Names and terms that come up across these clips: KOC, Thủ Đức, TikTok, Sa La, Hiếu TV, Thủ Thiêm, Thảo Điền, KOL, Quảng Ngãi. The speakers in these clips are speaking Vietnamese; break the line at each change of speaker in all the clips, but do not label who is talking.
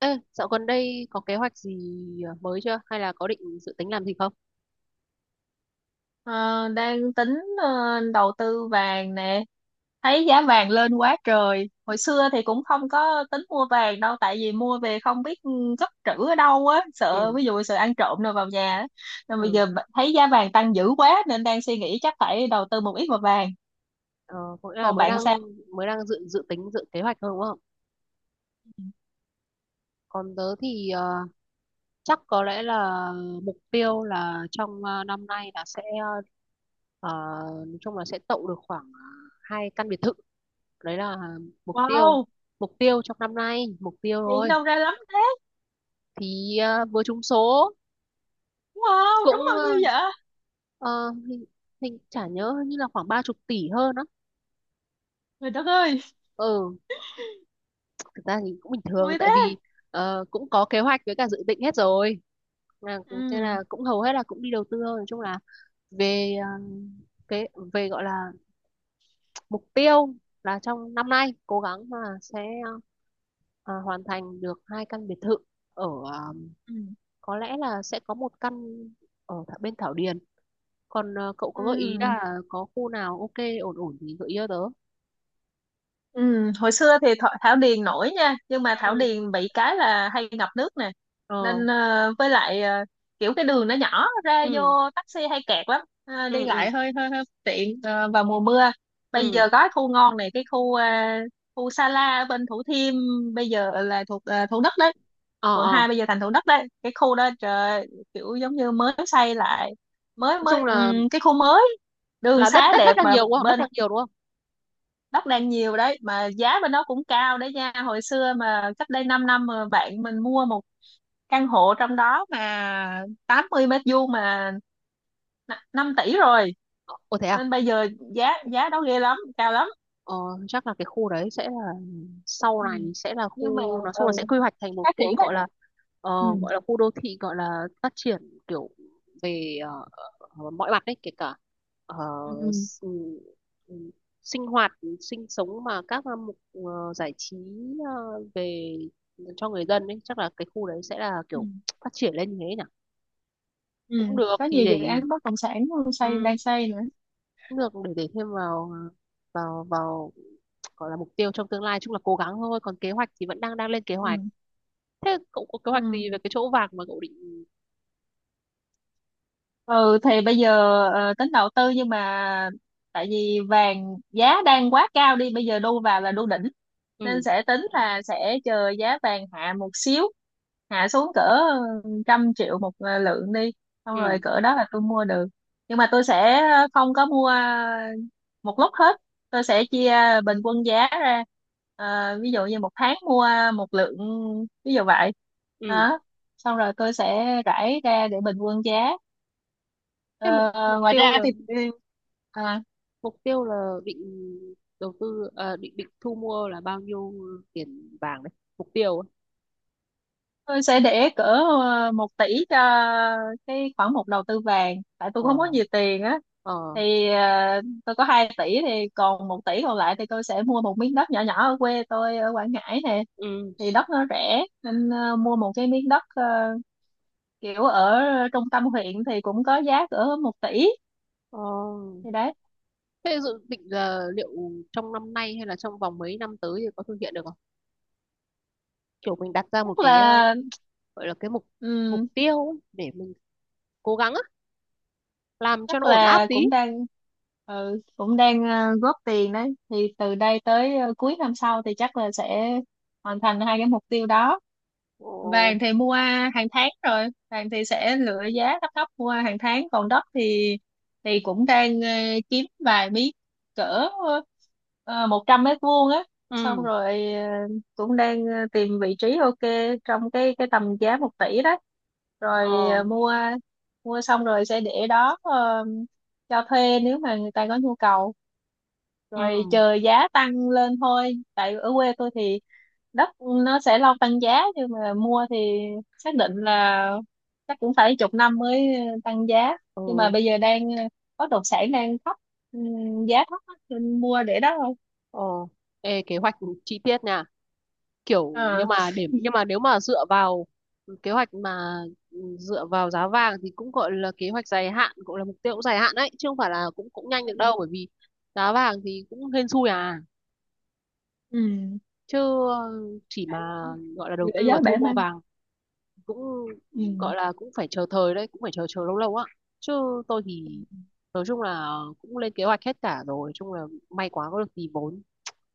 Ê, dạo gần đây có kế hoạch gì mới chưa? Hay là có định dự tính làm gì không?
Ờ, đang tính đầu tư vàng nè. Thấy giá vàng lên quá trời, hồi xưa thì cũng không có tính mua vàng đâu, tại vì mua về không biết cất trữ ở đâu á, sợ,
Ừ,
ví dụ, sợ ăn trộm rồi vào nhà á. Nên bây
ừ.
giờ thấy giá vàng tăng dữ quá, nên đang suy nghĩ chắc phải đầu tư một ít vào vàng.
Ờ, có nghĩa là
Còn
mới
bạn
đang
sao?
mới đang dự dự tính dự kế hoạch thôi đúng không? Còn tớ thì chắc có lẽ là mục tiêu là trong năm nay là sẽ ờ, nói chung là sẽ tậu được khoảng hai căn biệt thự. Đấy là mục tiêu
Wow,
mục tiêu trong năm nay, mục tiêu
hiện
thôi.
đâu ra lắm thế?
Thì vừa trúng số,
Wow, trúng
cũng
bao nhiêu vậy?
ờ, hình, hình chả nhớ như là khoảng ba chục tỷ hơn á.
Trời đất ơi!
Ừ, thực ra thì cũng bình thường,
Vui
tại
thế.
vì cũng có kế hoạch với cả dự định hết rồi, là thế
Ừ.
là cũng hầu hết là cũng đi đầu tư thôi, nói chung là về cái về gọi là mục tiêu là trong năm nay cố gắng là sẽ ờ, hoàn thành được hai căn biệt thự ở ờ,
Ừ.
có lẽ là sẽ có một căn ở bên Thảo Điền, còn cậu có gợi ý
Ừ.
là có khu nào ok, ổn ổn thì gợi ý cho tớ.
Ừ, hồi xưa thì Thảo Điền nổi nha, nhưng mà Thảo
Ừ.
Điền bị cái là hay ngập nước nè.
ờ
Nên với lại kiểu cái đường nó nhỏ, ra
ừ
vô taxi hay kẹt lắm. Ờ, Đi
ừ ừ
lại hơi hơi, hơi bất tiện, vào mùa mưa. Bây
ừ
giờ có cái khu ngon này, khu Sa La ở bên Thủ Thiêm, bây giờ là thuộc Thủ Đức đấy.
ờ
quận
ờ
hai bây giờ thành Thủ Đức đấy. Cái khu đó trời ơi, kiểu giống như mới xây lại, mới
nói chung
mới cái khu mới, đường
là đất
xá
đất đất
đẹp.
đang
Mà
nhiều đúng không, đất
bên
đang nhiều đúng không?
đất đai nhiều đấy, mà giá bên đó cũng cao đấy nha. Hồi xưa, mà cách đây 5 năm, mà bạn mình mua một căn hộ trong đó mà 80 mét vuông mà 5 tỷ rồi.
Ồ, thế à?
Nên bây giờ giá giá đó ghê lắm, cao lắm.
ờ, chắc là cái khu đấy sẽ là sau
Ừ.
này sẽ là
Nhưng mà,
khu, nói chung là
ừ,
sẽ quy hoạch thành một
phát
khu
triển đấy.
gọi là ờ,
Ừ.
gọi là khu đô thị, gọi là phát triển kiểu về mọi mặt đấy, kể cả ờ,
Ừ. Ừ.
s- ừm, sinh hoạt sinh sống mà các hạng mục giải trí ờ, về cho người dân ấy, chắc là cái khu đấy sẽ là
Ừ.
kiểu phát triển lên như thế nhỉ.
Ừ.
Cũng được
Có
thì
nhiều dự
để
án bất động sản xây
ừ,
đang xây nữa.
cũng được để thêm vào vào vào gọi là mục tiêu trong tương lai, chung là cố gắng thôi, còn kế hoạch thì vẫn đang đang lên kế
Ừ.
hoạch. Thế cậu có kế hoạch
Ừ.
gì về cái chỗ vàng mà cậu định?
Ừ, thì bây giờ tính đầu tư, nhưng mà tại vì vàng giá đang quá cao, đi bây giờ đu vào là đu đỉnh, nên
ừ
sẽ tính là sẽ chờ giá vàng hạ một xíu, hạ xuống cỡ 100 triệu một lượng đi, xong rồi
ừ
cỡ đó là tôi mua được. Nhưng mà tôi sẽ không có mua một lúc hết, tôi sẽ chia bình quân giá ra. Ờ, ví dụ như 1 tháng mua 1 lượng, ví dụ vậy
ừ
đó. Xong rồi tôi sẽ rải ra để bình quân giá.
Thế mục
Ờ,
mục
ngoài
tiêu
ra
là,
thì ừ, à,
mục tiêu là định đầu tư à, định định thu mua là bao nhiêu tiền vàng đấy, mục tiêu ấy.
tôi sẽ để cỡ 1 tỷ cho cái khoản mục đầu tư vàng, tại tôi
ờ
không có nhiều tiền á.
ờ
Thì tôi có 2 tỷ thì còn 1 tỷ còn lại, thì tôi sẽ mua một miếng đất nhỏ nhỏ ở quê tôi ở Quảng Ngãi nè.
ừ
Thì đất nó rẻ, nên mua một cái miếng đất, kiểu ở trung tâm huyện, thì cũng có giá cỡ 1 tỷ.
ờ
Thì đấy.
Thế dự định là liệu trong năm nay hay là trong vòng mấy năm tới thì có thực hiện được không, kiểu mình đặt ra một
Tức
cái
là
gọi là cái mục mục tiêu ấy, để mình cố gắng á, làm cho
chắc
nó ổn áp
là
tí.
cũng đang góp tiền đấy, thì từ đây tới cuối năm sau thì chắc là sẽ hoàn thành hai cái mục tiêu đó.
ờ,
Vàng thì mua hàng tháng rồi, vàng thì sẽ lựa giá thấp thấp, mua hàng tháng. Còn đất thì cũng đang kiếm vài miếng cỡ 100 mét vuông á. Xong
ừ
rồi cũng đang tìm vị trí ok trong cái tầm giá 1 tỷ đó,
ờ
rồi ờ, mua mua xong rồi sẽ để đó, cho thuê nếu mà người ta có nhu cầu,
ừ
rồi chờ giá tăng lên thôi. Tại ở quê tôi thì đất nó sẽ lâu tăng giá, nhưng mà mua thì xác định là chắc cũng phải chục năm mới tăng giá. Nhưng mà
ừ
bây giờ bất động sản đang thấp, giá thấp á, nên mua để đó thôi.
ờ Ê, kế hoạch chi tiết nha, kiểu nhưng
À.
mà để nhưng mà nếu mà dựa vào kế hoạch mà ừ, dựa vào giá vàng thì cũng gọi là kế hoạch dài hạn, cũng là mục tiêu cũng dài hạn đấy, chứ không phải là cũng cũng nhanh
Ừ.
được đâu, bởi vì giá vàng thì cũng hên xui à,
Ừ.
chứ chỉ mà gọi là đầu
Giữa
tư và
gió
thu
bẻ
mua
măng.
vàng cũng
Ừ.
gọi là cũng phải chờ thời đấy, cũng phải chờ chờ lâu lâu á. Chứ tôi thì nói chung là cũng lên kế hoạch hết cả rồi, chung là may quá có được tí vốn,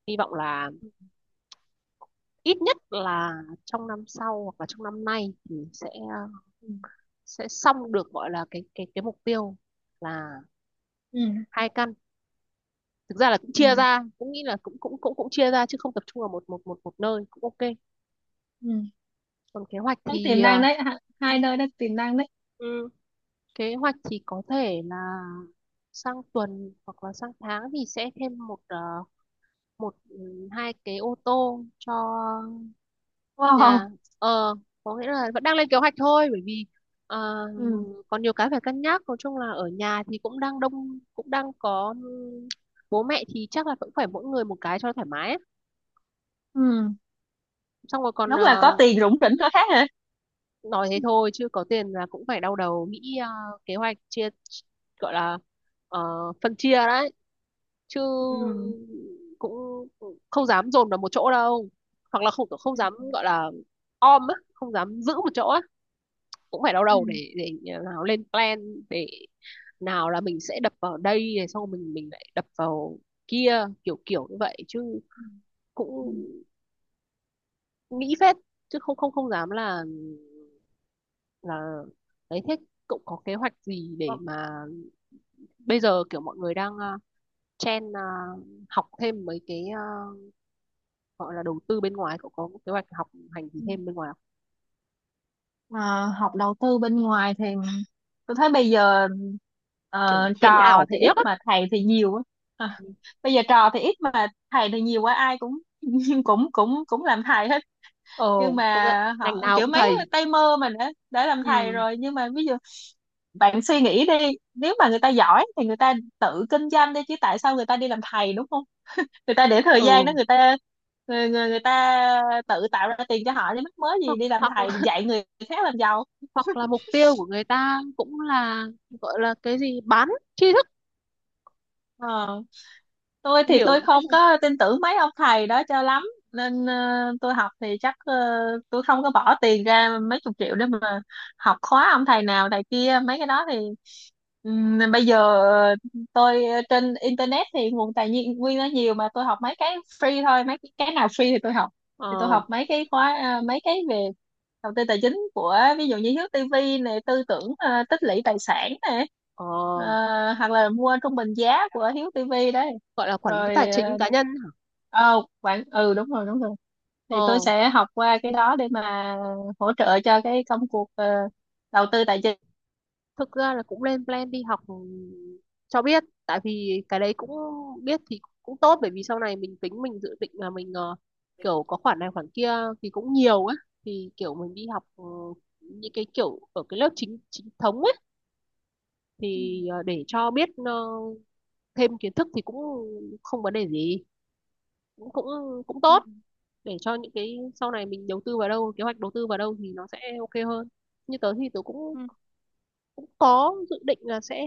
hy vọng là ít nhất là trong năm sau hoặc là trong năm nay thì sẽ
Ừ.
sẽ xong được gọi là cái mục tiêu là
Ừ.
hai căn. Thực ra là cũng
Ừ.
chia ra, cũng nghĩ là cũng cũng cũng cũng chia ra chứ không tập trung vào một một một một nơi cũng ok.
Ừ.
Còn kế hoạch
Thấy
thì
tiềm năng đấy,
ừ,
hai nơi đó tiềm năng đấy.
ừ. kế hoạch thì có thể là sang tuần hoặc là sang tháng thì sẽ thêm một ờ, một ừ, hai cái ô tô cho
Wow.
nhà. ờ có nghĩa là vẫn đang lên kế hoạch thôi, bởi vì ờ,
Ừ.
còn nhiều cái phải cân nhắc, nói chung là ở nhà thì cũng đang đông, cũng đang có bố mẹ thì chắc là cũng phải mỗi người một cái cho thoải mái ấy.
Ừ.
Xong rồi còn
Đúng là có tiền rủng rỉnh có khác hả.
nói thế thôi chứ có tiền là cũng phải đau đầu nghĩ kế hoạch chia, gọi là ờ, phân chia đấy, chứ
Ừ.
cũng không dám dồn vào một chỗ đâu, hoặc là không không
Ừ.
dám gọi là om á, không dám giữ một chỗ á, cũng phải đau
Ừ.
đầu để à, nào lên plan để nào là mình sẽ đập vào đây rồi xong mình lại đập vào kia, kiểu kiểu như vậy chứ
Ừ.
cũng nghĩ phết, chứ không không không dám là đấy. Thế cậu có kế hoạch gì
Vâng.
để mà bây giờ kiểu mọi người đang chen học thêm mấy cái gọi là đầu tư bên ngoài, cậu có kế hoạch học hành gì
Ừ.
thêm bên ngoài không?
Mà học đầu tư bên ngoài thì tôi thấy bây giờ
Kiểu tiền
trò
ảo
thì
tiền
ít
điếc á?
mà thầy thì nhiều á. À, bây giờ trò thì ít mà thầy thì nhiều quá, ai cũng cũng cũng cũng làm thầy hết.
Ờ,
Nhưng
công nhận
mà
ngành
họ
nào
kiểu
cũng
mấy
thầy.
tay mơ mà đã làm thầy
Ừ,
rồi. Nhưng mà ví dụ, bạn suy nghĩ đi, nếu mà người ta giỏi thì người ta tự kinh doanh đi chứ, tại sao người ta đi làm thầy, đúng không? Người ta để thời gian đó,
ừ,
người ta người người, người ta tự tạo ra tiền cho họ đi, mắc mớ gì
hoặc
đi làm
hoặc
thầy, đi dạy người khác làm giàu.
hoặc là mục tiêu của người ta cũng là gọi là cái gì bán tri thức,
ờ tôi thì
hiểu
tôi
một cách,
không có tin tưởng mấy ông thầy đó cho lắm, nên tôi học thì chắc tôi không có bỏ tiền ra mấy chục triệu để mà học khóa ông thầy nào thầy kia mấy cái đó. Thì bây giờ ờ, tôi, trên internet thì nguồn tài nguyên nó nhiều, mà tôi học mấy cái free thôi, mấy cái nào free thì tôi học. Thì tôi
ờ
học mấy cái khóa mấy cái về đầu tư tài chính của, ví dụ như Hiếu TV này, tư tưởng tích lũy tài sản này,
ờ,
ờ, hoặc là mua trung bình giá của Hiếu TV đấy.
gọi là quản lý
Rồi,
tài chính cá nhân hả?
ờ oh, bạn, ừ, đúng rồi, đúng rồi. Thì tôi
Ờ,
sẽ học qua cái đó để mà hỗ trợ cho cái công cuộc đầu tư tài chính.
thực ra là cũng lên plan đi học cho biết, tại vì cái đấy cũng biết thì cũng tốt, bởi vì sau này mình tính mình dự định là mình kiểu có khoản này khoản kia thì cũng nhiều á, thì kiểu mình đi học những cái kiểu ở cái lớp chính chính thống ấy thì
Ừ.
để cho biết thêm kiến thức thì cũng không vấn đề gì, cũng cũng cũng tốt để cho những cái sau này mình đầu tư vào đâu, kế hoạch đầu tư vào đâu thì nó sẽ ok hơn. Như tớ thì tớ cũng
Ừ.
cũng có dự định là sẽ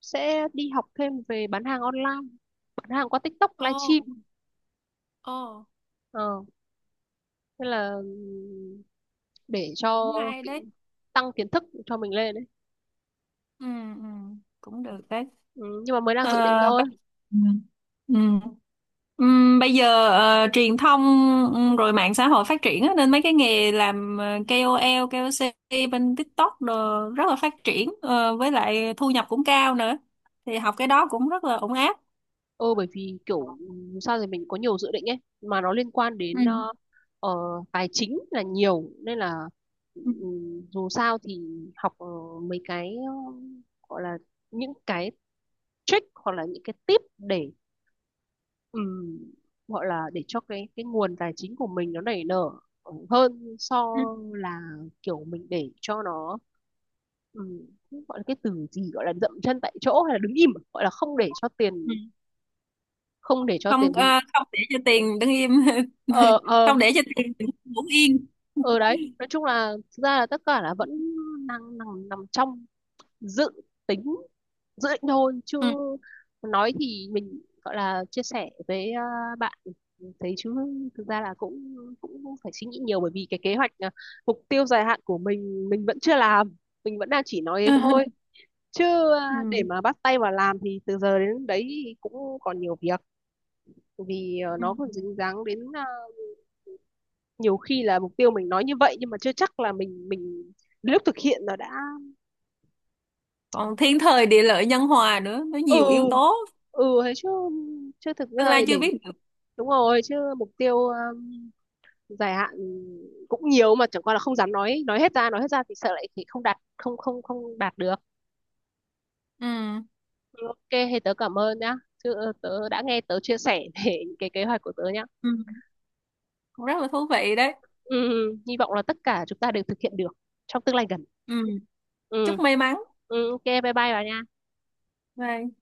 sẽ đi học thêm về bán hàng online, bán hàng qua TikTok
Ồ,
livestream.
ồ,
ờ Thế là để
cũng
cho
hay
ki-
đấy.
tăng kiến thức cho mình lên đấy.
Ừ, ừ, cũng được đấy.
Ừ, nhưng mà mới đang
Ờ,
dự định
ba-
thôi.
ừ. Ừ. Bây giờ truyền thông, rồi mạng xã hội phát triển á, nên mấy cái nghề làm KOL, KOC bên TikTok đồ rất là phát triển, với lại thu nhập cũng cao nữa. Thì học cái đó cũng rất là ổn áp.
Ừ, bởi vì kiểu sao thì mình có nhiều dự định ấy mà nó liên quan
Ừ.
đến ờ, tài chính là nhiều nên là
Ừ.
dù sao thì học mấy cái gọi là những cái trick hoặc là những cái tip để ừm, gọi là để cho cái nguồn tài chính của mình nó nảy nở hơn, so
Ừ.
là kiểu mình để cho nó ừm, gọi là, cái từ gì gọi là dậm chân tại chỗ hay là đứng im à? Gọi là không để cho
Ừ.
tiền, không để cho
Không
tiền đứng.
ờ, không để cho tiền đứng im,
ờ ờ
không để cho tiền đứng yên.
ờ đấy, nói chung là thực ra là tất cả là vẫn đang nằm nằm trong dự tính dự định thôi, chứ
Ừ.
nói thì mình gọi là chia sẻ với à, bạn thấy chứ thực ra là cũng cũng phải suy nghĩ nhiều, bởi vì cái kế hoạch à, mục tiêu dài hạn của mình vẫn chưa làm, mình vẫn đang chỉ nói thế thôi chứ à, để
Ừ.
mà bắt tay vào làm thì từ giờ đến đấy thì cũng còn nhiều việc, vì à,
Ừ.
nó còn dính dáng đến à, nhiều khi là mục tiêu mình nói như vậy nhưng mà chưa chắc là mình đến lúc thực hiện nó đã.
Còn thiên thời địa lợi nhân hòa nữa, nó
Ừ,
nhiều yếu tố,
ừ thế chứ, chứ thực
tương
ra
lai
thì
chưa
để
biết được.
đúng rồi, chứ mục tiêu dài hạn cũng nhiều mà chẳng qua là không dám nói, nói hết ra thì sợ lại thì không đạt được.
Ừm.
Ừ, ok thế tớ cảm ơn nhá, chứ tớ đã nghe tớ chia sẻ về những cái kế hoạch của tớ nhá.
Ừ. Cũng rất là thú vị đấy.
Ừ, hy vọng là tất cả chúng ta đều thực hiện được trong tương lai gần.
Ừ.
ừ,
Chúc may mắn.
ok, bye bye bà nha.
Bye.